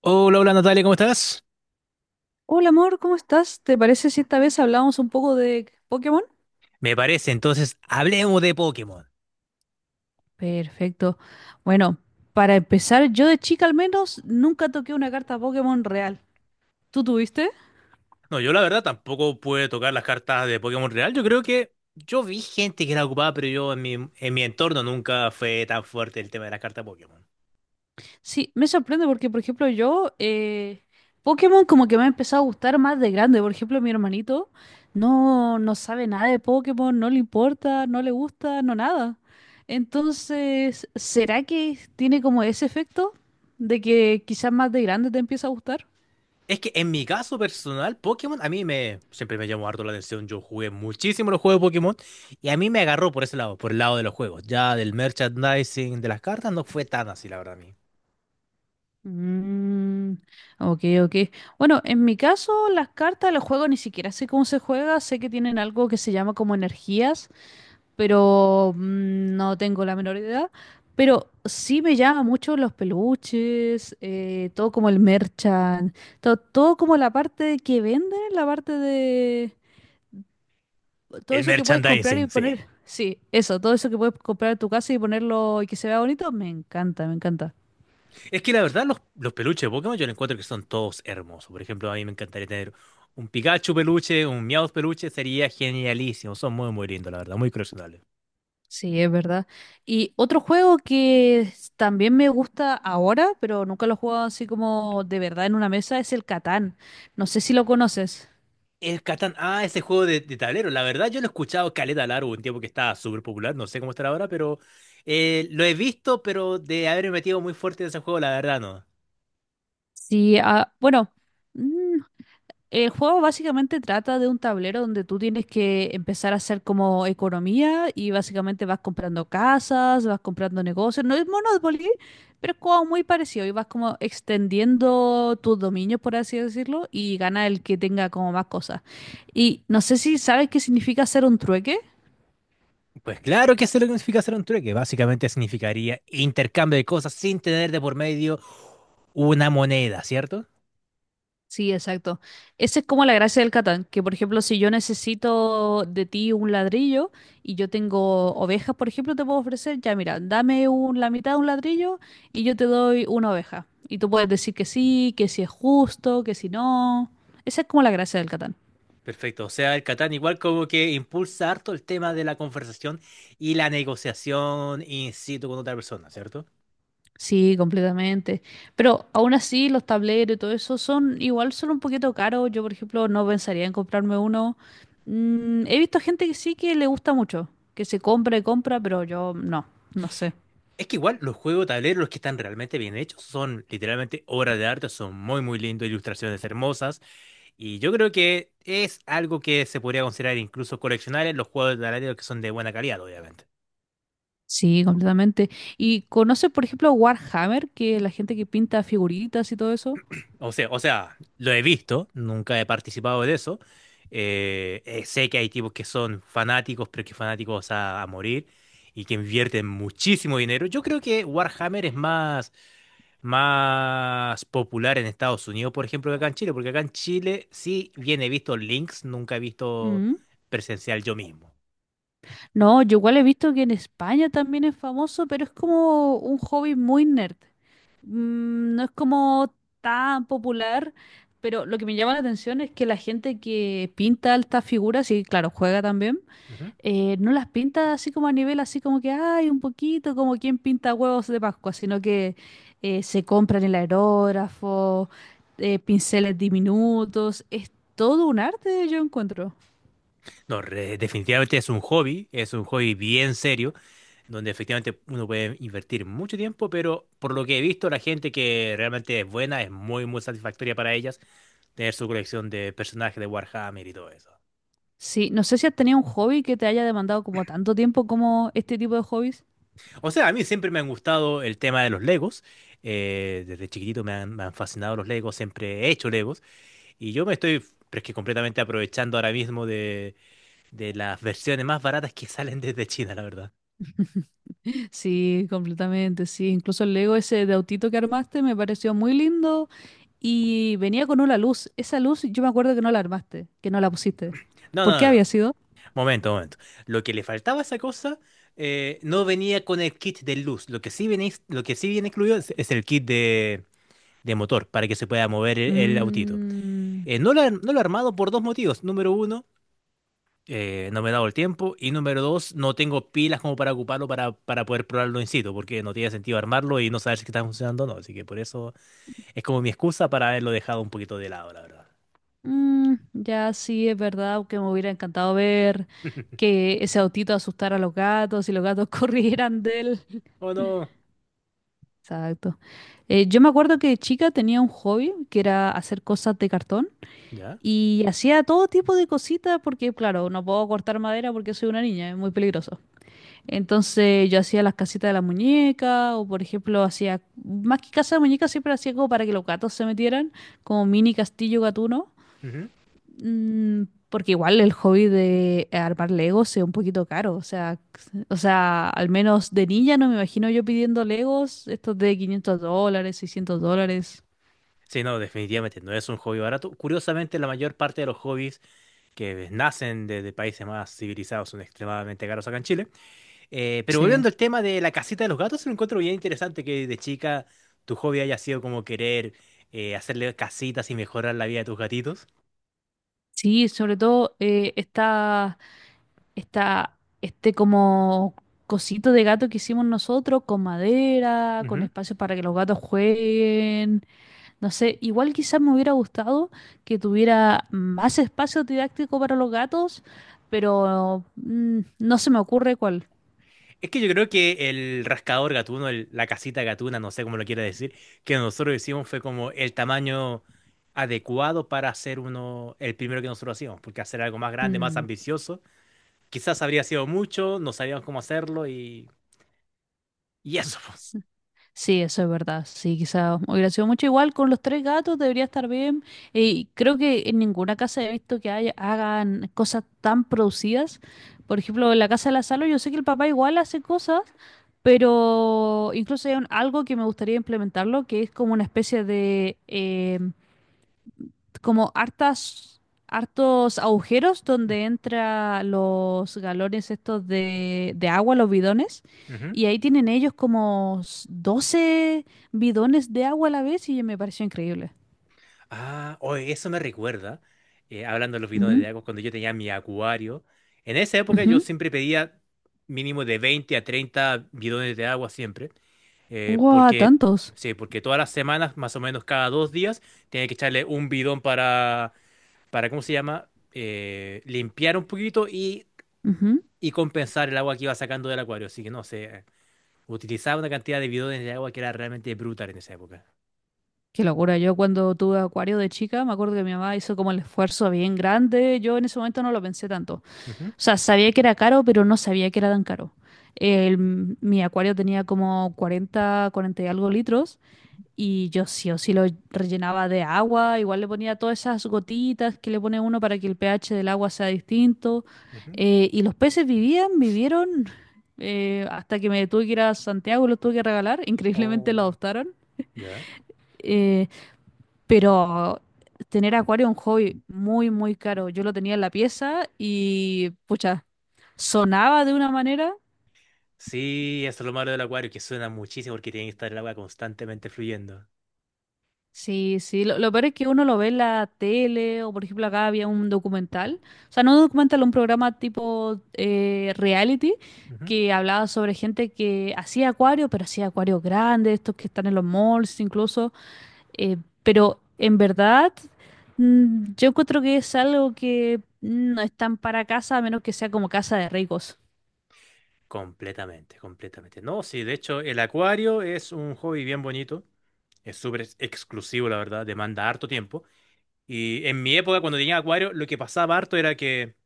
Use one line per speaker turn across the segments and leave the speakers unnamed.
Hola, hola Natalia, ¿cómo estás?
Hola amor, ¿cómo estás? ¿Te parece si esta vez hablamos un poco de Pokémon?
Me parece, entonces hablemos de Pokémon.
Perfecto. Bueno, para empezar, yo de chica al menos nunca toqué una carta Pokémon real. ¿Tú tuviste?
No, yo la verdad tampoco pude tocar las cartas de Pokémon Real. Yo creo que yo vi gente que era ocupada, pero yo en mi entorno nunca fue tan fuerte el tema de las cartas Pokémon.
Sí, me sorprende porque, por ejemplo, yo, Pokémon como que me ha empezado a gustar más de grande. Por ejemplo, mi hermanito no, no sabe nada de Pokémon, no le importa, no le gusta, no nada. Entonces, ¿será que tiene como ese efecto de que quizás más de grande te empieza a gustar?
Es que en mi caso personal, Pokémon a mí me siempre me llamó harto la atención. Yo jugué muchísimo los juegos de Pokémon y a mí me agarró por ese lado, por el lado de los juegos. Ya del merchandising de las cartas no fue tan así, la verdad a mí.
Mm, ok, ok. Bueno, en mi caso, las cartas, los juegos ni siquiera sé cómo se juega. Sé que tienen algo que se llama como energías, pero no tengo la menor idea. Pero sí me llama mucho los peluches, todo como el merchant, todo como la parte que venden, la parte de todo
El
eso que puedes comprar y
merchandising, sí.
poner. Sí, eso, todo eso que puedes comprar en tu casa y ponerlo y que se vea bonito, me encanta, me encanta.
Es que la verdad, los peluches de Pokémon yo le encuentro que son todos hermosos. Por ejemplo, a mí me encantaría tener un Pikachu peluche, un Meowth peluche, sería genialísimo. Son muy, muy lindos, la verdad, muy coleccionables.
Sí, es verdad. Y otro juego que también me gusta ahora, pero nunca lo he jugado así como de verdad en una mesa, es el Catán. No sé si lo conoces.
El Catán, ah, ese juego de tablero. La verdad, yo lo he escuchado caleta largo, un tiempo que estaba súper popular, no sé cómo estará ahora, pero lo he visto, pero de haberme metido muy fuerte en ese juego, la verdad, no.
Sí, ah, bueno, mm, El juego básicamente trata de un tablero donde tú tienes que empezar a hacer como economía y básicamente vas comprando casas, vas comprando negocios. No es Monopoly, pero es como muy parecido y vas como extendiendo tus dominios, por así decirlo, y gana el que tenga como más cosas. Y no sé si sabes qué significa hacer un trueque.
Pues claro que eso es lo que significa hacer un trueque. Básicamente significaría intercambio de cosas sin tener de por medio una moneda, ¿cierto?
Sí, exacto. Esa es como la gracia del Catán, que por ejemplo, si yo necesito de ti un ladrillo y yo tengo ovejas, por ejemplo, te puedo ofrecer, ya mira, dame la mitad de un ladrillo y yo te doy una oveja. Y tú puedes decir que sí, que si es justo, que si no. Esa es como la gracia del Catán.
Perfecto, o sea, el Catán igual como que impulsa harto el tema de la conversación y la negociación in situ con otra persona, ¿cierto?
Sí, completamente. Pero aún así, los tableros y todo eso son igual, son un poquito caros. Yo, por ejemplo, no pensaría en comprarme uno. He visto gente que sí que le gusta mucho, que se compra y compra, pero yo no, no sé.
Es que igual los juegos de tablero, los que están realmente bien hechos, son literalmente obras de arte, son muy muy lindos, ilustraciones hermosas, y yo creo que es algo que se podría considerar incluso coleccionables los juegos de tablero que son de buena calidad, obviamente.
Sí, completamente. ¿Y conoces, por ejemplo, Warhammer, que es la gente que pinta figuritas y todo eso?
O sea, lo he visto, nunca he participado de eso. Sé que hay tipos que son fanáticos, pero que fanáticos a morir y que invierten muchísimo dinero. Yo creo que Warhammer es más popular en Estados Unidos, por ejemplo, que acá en Chile, porque acá en Chile sí bien he visto links, nunca he visto
Mm.
presencial yo mismo.
No, yo igual he visto que en España también es famoso, pero es como un hobby muy nerd. No es como tan popular, pero lo que me llama la atención es que la gente que pinta estas figuras, y claro, juega también,
Ujú.
no las pinta así como a nivel, así como que hay un poquito, como quien pinta huevos de Pascua, sino que se compran el aerógrafo, pinceles diminutos, es todo un arte, yo encuentro.
No, definitivamente es un hobby bien serio. Donde efectivamente uno puede invertir mucho tiempo, pero por lo que he visto, la gente que realmente es buena es muy, muy satisfactoria para ellas tener su colección de personajes de Warhammer y todo eso.
Sí, no sé si has tenido un hobby que te haya demandado como tanto tiempo como este tipo de hobbies.
O sea, a mí siempre me han gustado el tema de los Legos. Desde chiquitito me han fascinado los Legos, siempre he hecho Legos. Y pero es que completamente aprovechando ahora mismo de las versiones más baratas que salen desde China, la verdad.
Sí, completamente, sí. Incluso el Lego ese de autito que armaste me pareció muy lindo y venía con una luz. Esa luz yo me acuerdo que no la armaste, que no la pusiste.
No,
¿Por qué
no, no, no.
había sido?
Momento, momento. Lo que le faltaba a esa cosa, no venía con el kit de luz. Lo que sí viene incluido es el kit de motor para que se pueda mover el autito.
Mm,
No lo he armado por dos motivos. Número uno, no me he dado el tiempo. Y número dos, no tengo pilas como para ocuparlo para poder probarlo in situ, porque no tiene sentido armarlo y no saber si está funcionando o no. Así que por eso es como mi excusa para haberlo dejado un poquito de lado, la verdad.
ya sí, es verdad que me hubiera encantado ver que ese autito asustara a los gatos y los gatos corrieran de él.
¿O no?
Exacto. Yo me acuerdo que de chica tenía un hobby que era hacer cosas de cartón.
¿Ya?
Y hacía todo tipo de cositas porque, claro, no puedo cortar madera porque soy una niña, es muy peligroso. Entonces yo hacía las casitas de la muñeca o, por ejemplo, hacía, más que casa de muñeca, siempre hacía como para que los gatos se metieran, como mini castillo gatuno. Mm, Porque igual el hobby de armar Legos es un poquito caro. O sea, o sea, al menos de niña no me imagino yo pidiendo Legos, estos de $500, $600.
Sí, no, definitivamente no es un hobby barato. Curiosamente, la mayor parte de los hobbies que nacen de países más civilizados son extremadamente caros acá en Chile. Pero
Sí.
volviendo al tema de la casita de los gatos, lo encuentro bien interesante que de chica tu hobby haya sido como querer hacerle casitas y mejorar la vida de tus gatitos.
Sí, sobre todo está este como cosito de gato que hicimos nosotros con madera, con
Ujú.
espacio para que los gatos jueguen. No sé, igual quizás me hubiera gustado que tuviera más espacio didáctico para los gatos, pero no se me ocurre cuál.
Es que yo creo que el rascador gatuno, la casita gatuna, no sé cómo lo quiera decir, que nosotros hicimos fue como el tamaño adecuado para hacer uno, el primero que nosotros hacíamos, porque hacer algo más grande, más
Mm,
ambicioso. Quizás habría sido mucho, no sabíamos cómo hacerlo y eso.
Sí, eso es verdad. Sí, quizá hubiera sido mucho igual con los tres gatos, debería estar bien. Y creo que en ninguna casa he visto que hagan cosas tan producidas. Por ejemplo, en la casa de la Salo, yo sé que el papá igual hace cosas, pero incluso hay algo que me gustaría implementarlo, que es como una especie de, como hartos agujeros donde entra los galones estos de agua, los bidones.
Ujú.
Y ahí tienen ellos como 12 bidones de agua a la vez y me pareció increíble.
Ah, oye, eso me recuerda, hablando de los bidones
Ujú,
de agua, cuando yo tenía mi acuario. En esa época yo
ujú.
siempre pedía mínimo de 20 a 30 bidones de agua siempre, eh,
¡Guau!
porque,
Tantos.
sí, porque todas las semanas, más o menos cada dos días, tenía que echarle un bidón para, ¿cómo se llama? Limpiar un poquito
Ujú.
y compensar el agua que iba sacando del acuario. Así que no sé, utilizaba una cantidad de bidones de agua que era realmente brutal en esa época.
Qué locura. Yo cuando tuve acuario de chica, me acuerdo que mi mamá hizo como el esfuerzo bien grande. Yo en ese momento no lo pensé tanto. O
Ujú,
sea, sabía que era caro, pero no sabía que era tan caro. Mi acuario tenía como 40 y algo litros y yo sí o sí lo rellenaba de agua, igual le ponía todas esas gotitas que le pone uno para que el pH del agua sea distinto.
ujú.
Y los peces vivían, vivieron hasta que me tuve que ir a Santiago y los tuve que regalar, increíblemente lo
Oh,
adoptaron.
¿ya?
Eh, pero tener acuario es un hobby muy, muy caro. Yo lo tenía en la pieza y, pucha, sonaba de una manera.
Sí, eso es lo malo del acuario, que suena muchísimo porque tiene que estar el agua constantemente fluyendo.
Sí, sí. Lo peor es que uno lo ve en la tele o, por ejemplo, acá había un documental. O sea, no un documental, un programa tipo reality
Ujú.
que hablaba sobre gente que hacía acuario, pero hacía acuarios grandes, estos que están en los malls incluso. Eh, pero en verdad, yo encuentro que es algo que no es tan para casa, a menos que sea como casa de ricos.
Completamente, completamente. No, sí, de hecho, el acuario es un hobby bien bonito. Es súper exclusivo, la verdad, demanda harto tiempo. Y en mi época, cuando tenía acuario, lo que pasaba harto era que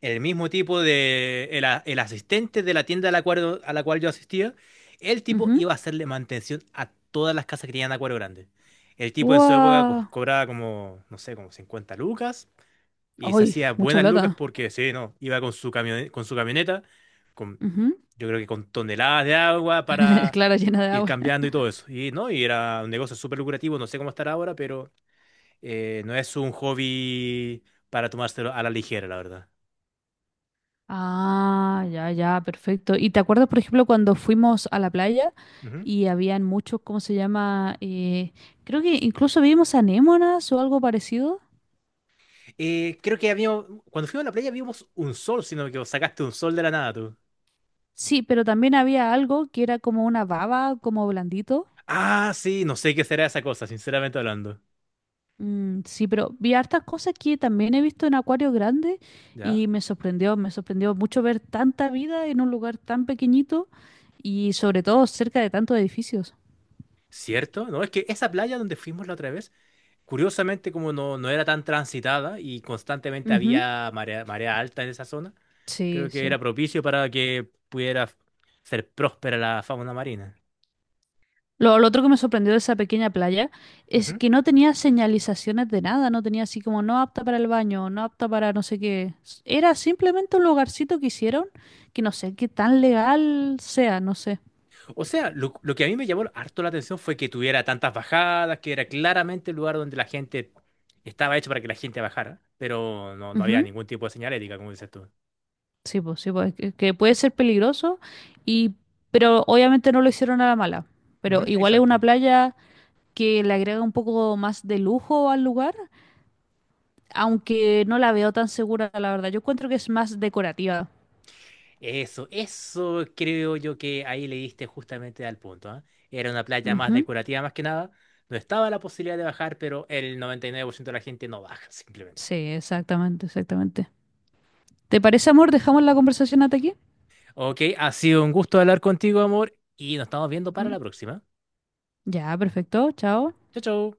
el mismo tipo de, el asistente de la tienda a la cual yo asistía, el tipo
Ujú.
iba a hacerle mantención a todas las casas que tenían acuario grande. El tipo en su época
¡Guau!
cobraba como, no sé, como 50 lucas y se
¡Ay,
hacía
mucha
buenas lucas
plata!
porque, sí, no, iba con su camioneta, con,
Ujú.
yo creo que con toneladas de agua para
Claro, llena de
ir
agua.
cambiando y todo eso. Y, no, y era un negocio súper lucrativo, no sé cómo estará ahora, pero no es un hobby para tomárselo a la ligera, la verdad.
Ah, ya, ya, perfecto. ¿Y te acuerdas, por ejemplo, cuando fuimos a la playa y habían muchos, ¿cómo se llama? Creo que incluso vimos anémonas o algo parecido.
Cuando fuimos a la playa vimos un sol, sino que sacaste un sol de la nada tú.
Sí, pero también había algo que era como una baba, como blandito.
Ah, sí, no sé qué será esa cosa, sinceramente hablando.
Sí, pero vi hartas cosas que también he visto en acuarios grandes y
¿Ya?
me sorprendió mucho ver tanta vida en un lugar tan pequeñito y sobre todo cerca de tantos edificios.
¿Cierto? No, es que esa playa donde fuimos la otra vez, curiosamente como no era tan transitada y constantemente
Ujú.
había marea alta en esa zona,
Sí,
creo que
sí.
era propicio para que pudiera ser próspera la fauna marina.
Lo otro que me sorprendió de esa pequeña playa es que no tenía señalizaciones de nada, no tenía así como no apta para el baño, no apta para no sé qué. Era simplemente un lugarcito que hicieron que no sé qué tan legal sea, no sé.
O sea, lo que a mí me llamó harto la atención fue que tuviera tantas bajadas, que era claramente el lugar donde la gente estaba hecho para que la gente bajara, pero no había ningún tipo de señalética, como dices tú.
Sí, pues, que puede ser peligroso y pero obviamente no lo hicieron a la mala, pero
Ujú,
igual es una
exacto.
playa que le agrega un poco más de lujo al lugar, aunque no la veo tan segura, la verdad. Yo encuentro que es más decorativa.
Eso creo yo que ahí le diste justamente al punto, ¿ah? Era una playa más
Ujú.
decorativa más que nada. No estaba la posibilidad de bajar, pero el 99% de la gente no baja, simplemente.
Sí, exactamente, exactamente. ¿Te parece, amor? ¿Dejamos la conversación hasta aquí?
Ok, ha sido un gusto hablar contigo, amor, y nos estamos viendo para
Mm.
la próxima.
Ya, perfecto. Chao.
Chao, chao.